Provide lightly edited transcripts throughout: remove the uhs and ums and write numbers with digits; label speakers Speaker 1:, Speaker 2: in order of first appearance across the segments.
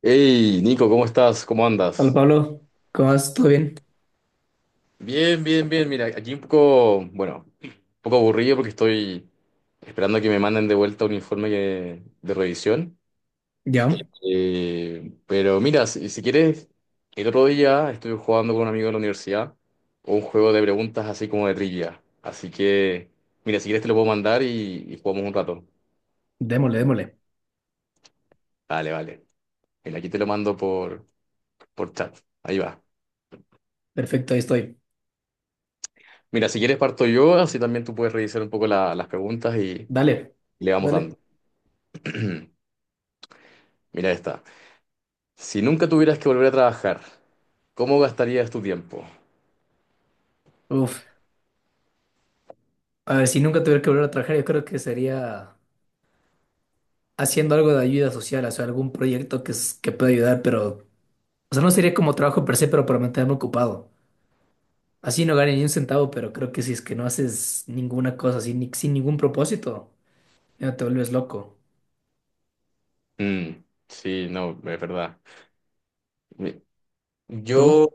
Speaker 1: Hey, Nico, ¿cómo estás? ¿Cómo
Speaker 2: Hola
Speaker 1: andas?
Speaker 2: Pablo, ¿cómo vas? ¿Todo bien?
Speaker 1: Bien, bien, bien. Mira, aquí un poco, bueno, un poco aburrido porque estoy esperando a que me manden de vuelta un informe de revisión.
Speaker 2: Ya,
Speaker 1: Pero mira, si quieres, el otro día estuve jugando con un amigo de la universidad un juego de preguntas así como de trivia. Así que, mira, si quieres te lo puedo mandar y jugamos un rato.
Speaker 2: démosle, démosle.
Speaker 1: Vale, vale. Mira, aquí te lo mando por chat. Ahí va.
Speaker 2: Perfecto, ahí estoy.
Speaker 1: Mira, si quieres parto yo, así también tú puedes revisar un poco las preguntas y
Speaker 2: Dale,
Speaker 1: le vamos dando.
Speaker 2: dale.
Speaker 1: Mira esta. Si nunca tuvieras que volver a trabajar, ¿cómo gastarías tu tiempo?
Speaker 2: Uf, a ver, si nunca tuviera que volver a trabajar, yo creo que sería haciendo algo de ayuda social, o sea, algún proyecto que pueda ayudar, pero, o sea, no sería como trabajo per se, pero para mantenerme ocupado. Así no gane ni un centavo, pero creo que si es que no haces ninguna cosa así, sin ningún propósito, ya te vuelves loco.
Speaker 1: Mm, sí, no, es verdad. Mi- Yo,
Speaker 2: ¿Tú?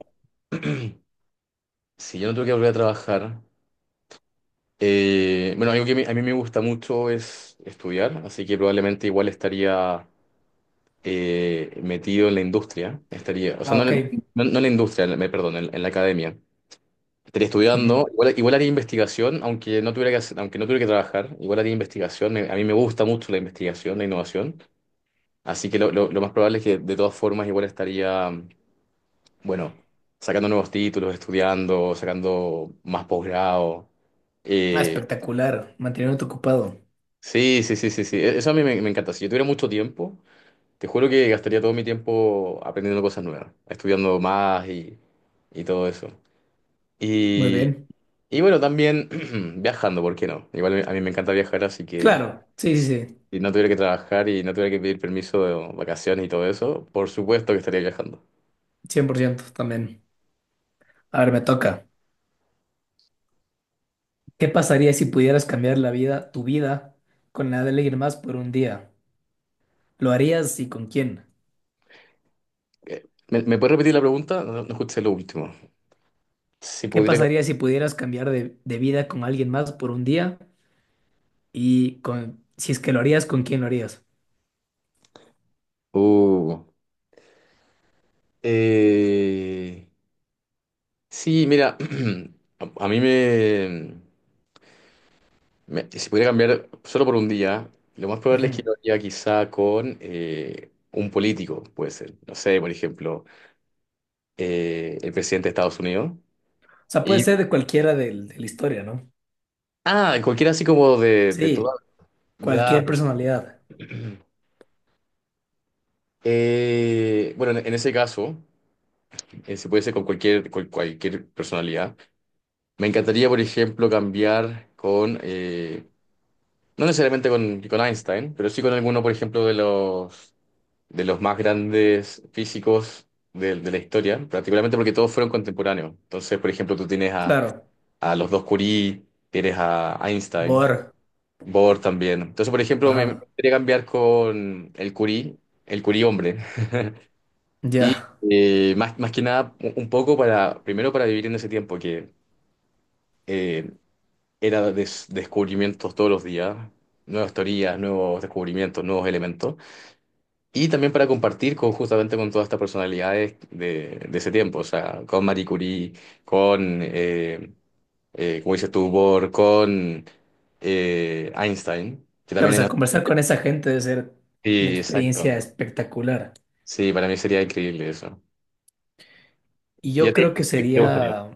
Speaker 1: si yo no tuviera que volver a trabajar, bueno, algo que a mí me gusta mucho es estudiar, así que probablemente igual estaría metido en la industria. Estaría, o sea,
Speaker 2: Ah,
Speaker 1: no,
Speaker 2: ok.
Speaker 1: en no en la industria, me perdón, en la academia. Estaría
Speaker 2: Ujú.
Speaker 1: estudiando, igual haría investigación, aunque no tuviera que hacer- aunque no tuviera que trabajar, igual haría investigación. A mí me gusta mucho la investigación, la innovación, así que lo más probable es que de todas formas igual estaría, bueno, sacando nuevos títulos, estudiando, sacando más posgrado.
Speaker 2: Ah,
Speaker 1: Eh,
Speaker 2: espectacular, mantenerte ocupado.
Speaker 1: sí, sí, sí, sí, sí, eso a mí me encanta. Si yo tuviera mucho tiempo, te juro que gastaría todo mi tiempo aprendiendo cosas nuevas, estudiando más y todo eso.
Speaker 2: Muy bien.
Speaker 1: Y bueno, también viajando, ¿por qué no? Igual a mí me encanta viajar, así que
Speaker 2: Claro, sí, sí,
Speaker 1: si
Speaker 2: sí.
Speaker 1: si no tuviera que trabajar y no tuviera que pedir permiso de vacaciones y todo eso, por supuesto que estaría viajando.
Speaker 2: 100% también. A ver, me toca. ¿Qué pasaría si pudieras cambiar la vida, tu vida, con la de alguien más por un día? ¿Lo harías y con quién?
Speaker 1: ¿Me puedes repetir la pregunta? No, no escuché lo último. Si
Speaker 2: ¿Qué
Speaker 1: pudiera...
Speaker 2: pasaría si pudieras cambiar de vida con alguien más por un día? Y con, si es que lo harías, ¿con quién lo harías?
Speaker 1: Uh. Eh, sí, mira, a mí si pudiera cambiar solo por un día, lo más probable es que
Speaker 2: Ujú.
Speaker 1: yo iría quizá con un político, puede ser. No sé, por ejemplo, el presidente de Estados Unidos.
Speaker 2: O sea, puede
Speaker 1: Y,
Speaker 2: ser de cualquiera del- de la historia, ¿no?
Speaker 1: cualquiera así como de, de toda.
Speaker 2: Sí,
Speaker 1: Ya,
Speaker 2: cualquier
Speaker 1: pues.
Speaker 2: personalidad.
Speaker 1: Bueno, en ese caso, se puede hacer con cualquier, cualquier personalidad. Me encantaría, por ejemplo, cambiar con, no necesariamente con, Einstein, pero sí con alguno, por ejemplo, de los más grandes físicos de la historia, particularmente porque todos fueron contemporáneos. Entonces, por ejemplo, tú tienes a,
Speaker 2: Claro.
Speaker 1: a los dos Curie, tienes a Einstein.
Speaker 2: Bor.
Speaker 1: Bor también. Entonces, por ejemplo, me
Speaker 2: Ajá.
Speaker 1: gustaría cambiar con el Curí hombre. Y
Speaker 2: Ya.
Speaker 1: más, más que nada, un poco para, primero para vivir en ese tiempo que eh, era descubrimientos todos los días, nuevas teorías, nuevos descubrimientos, nuevos elementos. Y también para compartir con, justamente con todas estas personalidades de ese tiempo, o sea, con Marie Curie, con, como dices tú, Bohr, con Einstein, que
Speaker 2: Claro, o
Speaker 1: también
Speaker 2: sea,
Speaker 1: era...
Speaker 2: conversar con esa gente debe ser una
Speaker 1: Sí,
Speaker 2: experiencia
Speaker 1: exacto.
Speaker 2: espectacular.
Speaker 1: Sí, para mí sería increíble eso.
Speaker 2: Y
Speaker 1: ¿Y a
Speaker 2: yo
Speaker 1: ti
Speaker 2: creo que
Speaker 1: qué te gustaría?
Speaker 2: sería.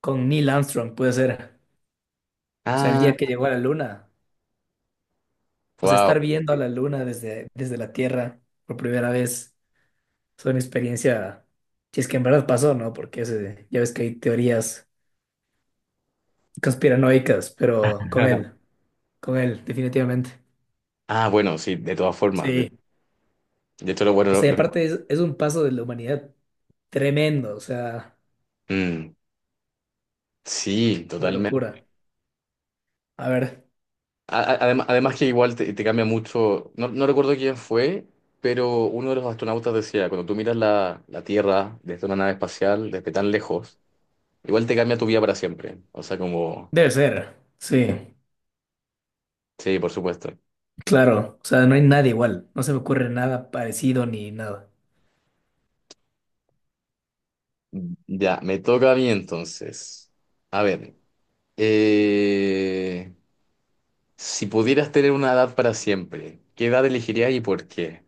Speaker 2: Con Neil Armstrong, puede ser. O sea, el
Speaker 1: Ah,
Speaker 2: día que llegó a la luna. O sea,
Speaker 1: wow.
Speaker 2: estar viendo a la luna desde la Tierra por primera vez es una experiencia, si es que en verdad pasó, ¿no? Porque ya ves que hay teorías conspiranoicas, pero con él, definitivamente.
Speaker 1: Ah, bueno, sí, de todas formas.
Speaker 2: Sí.
Speaker 1: De hecho, lo bueno,
Speaker 2: O
Speaker 1: lo-
Speaker 2: sea, y
Speaker 1: lo
Speaker 2: aparte es un paso de la humanidad tremendo, o sea,
Speaker 1: Mm, sí,
Speaker 2: una
Speaker 1: totalmente.
Speaker 2: locura. A ver,
Speaker 1: Además que igual te cambia mucho, no, no recuerdo quién fue, pero uno de los astronautas decía, cuando tú miras la Tierra desde una nave espacial, desde tan lejos, igual te cambia tu vida para siempre. O sea, como,
Speaker 2: debe ser, sí,
Speaker 1: sí, por supuesto.
Speaker 2: claro. O sea, no hay nada igual, no se me ocurre nada parecido ni nada.
Speaker 1: Ya, me toca a mí entonces. A ver, eh, si pudieras tener una edad para siempre, ¿qué edad elegirías y por qué?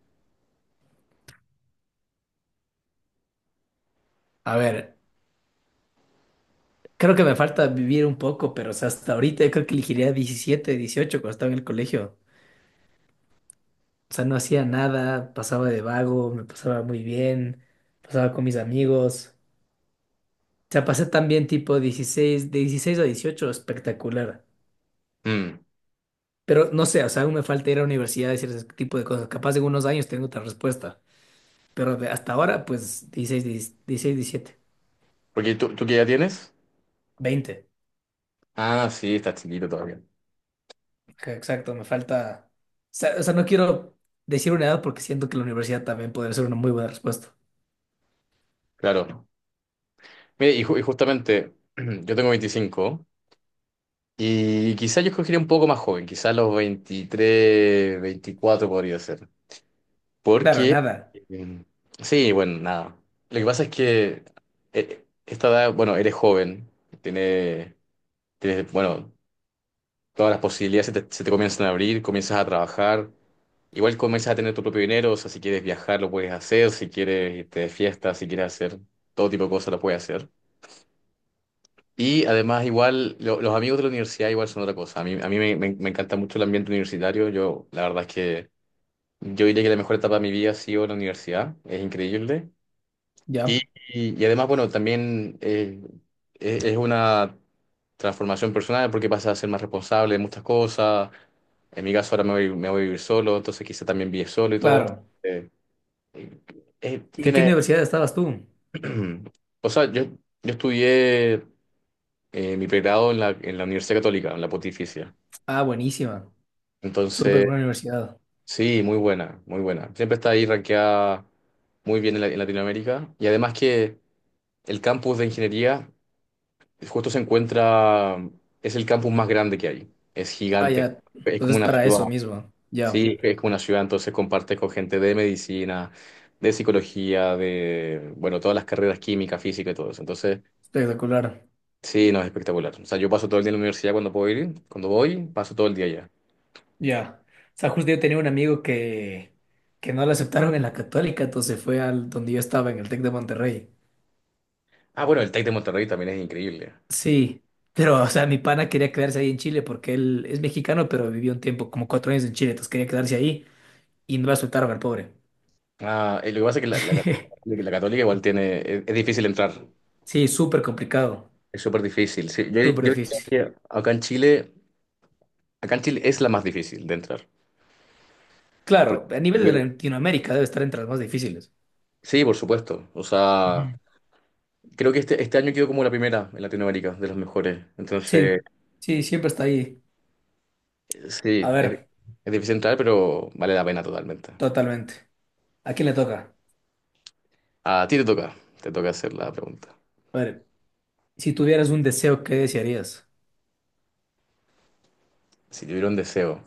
Speaker 2: A ver. Creo que me falta vivir un poco, pero o sea, hasta ahorita yo creo que elegiría 17 18 cuando estaba en el colegio. O sea, no hacía nada, pasaba de vago, me pasaba muy bien, pasaba con mis amigos. O sea, pasé también tipo 16, de 16 a 18 espectacular.
Speaker 1: Mm.
Speaker 2: Pero no sé, o sea, aún me falta ir a la universidad y hacer ese tipo de cosas. Capaz en unos años tengo otra respuesta. Pero hasta ahora, pues 16, 16 17,
Speaker 1: Porque tú, ¿ qué edad tienes?
Speaker 2: 20.
Speaker 1: Ah, sí, estás chiquito todavía.
Speaker 2: Ajá, exacto, me falta... o sea, no quiero decir una edad porque siento que la universidad también podría ser una muy buena respuesta.
Speaker 1: Claro. Mire, y justamente, yo tengo 25 y quizás yo escogería un poco más joven, quizás los 23, 24 podría ser.
Speaker 2: Claro,
Speaker 1: Porque,
Speaker 2: nada.
Speaker 1: eh, sí, bueno, nada. Lo que pasa es que esta edad, bueno, eres joven, tienes, bueno, todas las posibilidades se te comienzan a abrir, comienzas a trabajar. Igual comienzas a tener tu propio dinero, o sea, si quieres viajar lo puedes hacer, si quieres irte de fiesta, si quieres hacer todo tipo de cosas lo puedes hacer. Y además igual los amigos de la universidad igual son otra cosa. A mí me encanta mucho el ambiente universitario. Yo la verdad es que yo diría que la mejor etapa de mi vida ha sido la universidad. Es increíble. Y,
Speaker 2: Ya,
Speaker 1: y además, bueno, también es, una transformación personal porque pasas a ser más responsable de muchas cosas. En mi caso ahora me voy a vivir solo, entonces quizá también vive solo y todo.
Speaker 2: claro.
Speaker 1: Eh,
Speaker 2: ¿Y en qué
Speaker 1: tiene,
Speaker 2: universidad estabas tú?
Speaker 1: o sea, yo estudié mi pregrado en la Universidad Católica, en la Pontificia.
Speaker 2: Ah, buenísima. Súper
Speaker 1: Entonces,
Speaker 2: buena universidad.
Speaker 1: sí, muy buena, muy buena. Siempre está ahí rankeada muy bien en Latinoamérica. Y además que el campus de ingeniería justo se encuentra, es el campus más grande que hay. Es
Speaker 2: Ah,
Speaker 1: gigante.
Speaker 2: ya.
Speaker 1: Es como
Speaker 2: Entonces,
Speaker 1: una
Speaker 2: para
Speaker 1: ciudad.
Speaker 2: eso mismo. Ya,
Speaker 1: Sí, es como una ciudad. Entonces compartes con gente de medicina, de psicología, de, bueno, todas las carreras química, física y todo eso. Entonces...
Speaker 2: espectacular.
Speaker 1: Sí, no, es espectacular. O sea, yo paso todo el día en la universidad cuando puedo ir, cuando voy, paso todo el día allá.
Speaker 2: Ya. O sea, justo yo tenía un amigo que no lo aceptaron en la Católica, entonces fue al donde yo estaba, en el Tec de Monterrey.
Speaker 1: Ah, bueno, el Tec de Monterrey también es increíble.
Speaker 2: Sí, pero, o sea, mi pana quería quedarse ahí en Chile porque él es mexicano, pero vivió un tiempo, como 4 años en Chile, entonces quería quedarse ahí y no lo aceptaron al pobre.
Speaker 1: Ah, lo que pasa es que la Católica igual tiene, es, difícil entrar,
Speaker 2: Sí, súper complicado,
Speaker 1: es súper difícil. Sí, yo,
Speaker 2: súper
Speaker 1: yo diría
Speaker 2: difícil.
Speaker 1: que acá en Chile es la más difícil de entrar.
Speaker 2: Claro,
Speaker 1: Porque-
Speaker 2: a nivel de
Speaker 1: porque-
Speaker 2: Latinoamérica debe estar entre las más difíciles.
Speaker 1: sí, por supuesto. O sea,
Speaker 2: Ujú.
Speaker 1: creo que este año quedó como la primera en Latinoamérica, de los mejores. Entonces,
Speaker 2: Sí, sí, siempre está ahí.
Speaker 1: sí,
Speaker 2: A
Speaker 1: es,
Speaker 2: ver,
Speaker 1: es difícil entrar, pero vale la pena totalmente.
Speaker 2: totalmente. ¿A quién le toca?
Speaker 1: A ti te toca hacer la pregunta.
Speaker 2: A ver, si tuvieras un deseo, ¿qué desearías?
Speaker 1: Si tuviera un deseo.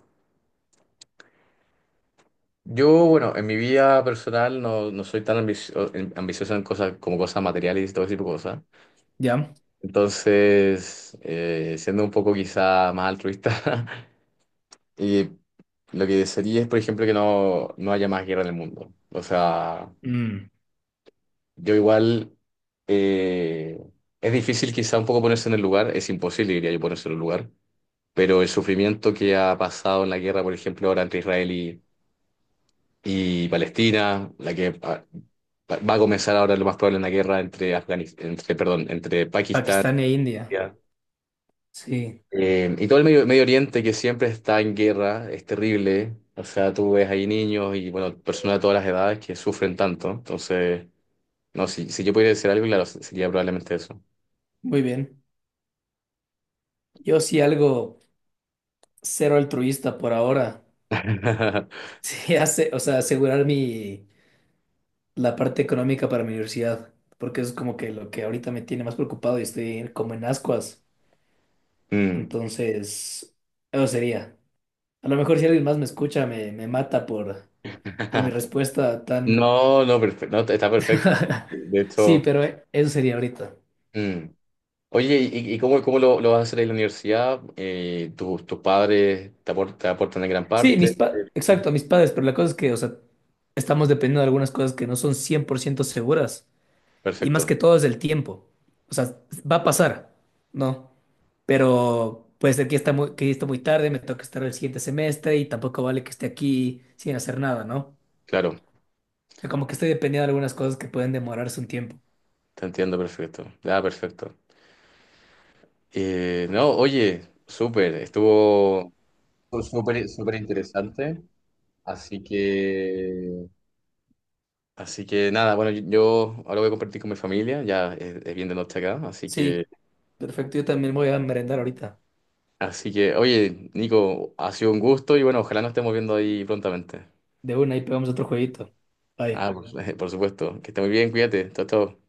Speaker 1: Yo, bueno, en mi vida personal no, no soy tan ambicioso en cosas como cosas materiales y todo ese tipo de cosas.
Speaker 2: ¿Ya?
Speaker 1: Entonces, siendo un poco quizá más altruista, y lo que desearía es, por ejemplo, que no, no haya más guerra en el mundo. O sea,
Speaker 2: Mm,
Speaker 1: yo igual, eh, es difícil quizá un poco ponerse en el lugar, es imposible, diría yo, ponerse en el lugar, pero el sufrimiento que ha pasado en la guerra, por ejemplo, ahora entre Israel y Palestina, la que va a comenzar ahora lo más probable una guerra entre entre, perdón, entre Pakistán
Speaker 2: Pakistán e India.
Speaker 1: India,
Speaker 2: Sí,
Speaker 1: y todo el Medio Oriente que siempre está en guerra, es terrible. O sea, tú ves ahí niños y bueno, personas de todas las edades que sufren tanto. Entonces, no, si yo pudiera decir algo, claro, sería probablemente eso.
Speaker 2: muy bien. Yo sí algo cero altruista por ahora. Sí, hace, o sea, asegurar la parte económica para mi universidad, porque es como que lo que ahorita me tiene más preocupado y estoy como en ascuas.
Speaker 1: Mm.
Speaker 2: Entonces, eso sería. A lo mejor si alguien más me escucha, me mata por mi respuesta tan...
Speaker 1: No, no, perfecto, está perfecto. De
Speaker 2: Sí,
Speaker 1: hecho,
Speaker 2: pero eso sería ahorita.
Speaker 1: mm, Oye, ¿y cómo, lo vas a hacer ahí en la universidad? ¿Tus padres te aportan, en gran
Speaker 2: Sí,
Speaker 1: parte?
Speaker 2: exacto, mis padres, pero la cosa es que, o sea, estamos dependiendo de algunas cosas que no son 100% seguras. Y
Speaker 1: Perfecto,
Speaker 2: más que todo es el tiempo. O sea, va a pasar, ¿no? Pero puede ser que está muy tarde, me toca estar el siguiente semestre y tampoco vale que esté aquí sin hacer nada, ¿no? O
Speaker 1: claro,
Speaker 2: sea, como que estoy dependiendo de algunas cosas que pueden demorarse un tiempo.
Speaker 1: te entiendo perfecto. Ah, perfecto. No, oye, súper, estuvo súper, súper interesante. Así que nada, bueno, yo ahora voy a compartir con mi familia, ya es bien de noche acá,
Speaker 2: Sí. Perfecto, yo también voy a merendar ahorita.
Speaker 1: así que, oye, Nico, ha sido un gusto y bueno, ojalá nos estemos viendo ahí prontamente.
Speaker 2: De una, ahí pegamos otro jueguito.
Speaker 1: Ah,
Speaker 2: Bye.
Speaker 1: por, por supuesto, que esté muy bien, cuídate, chao, chao.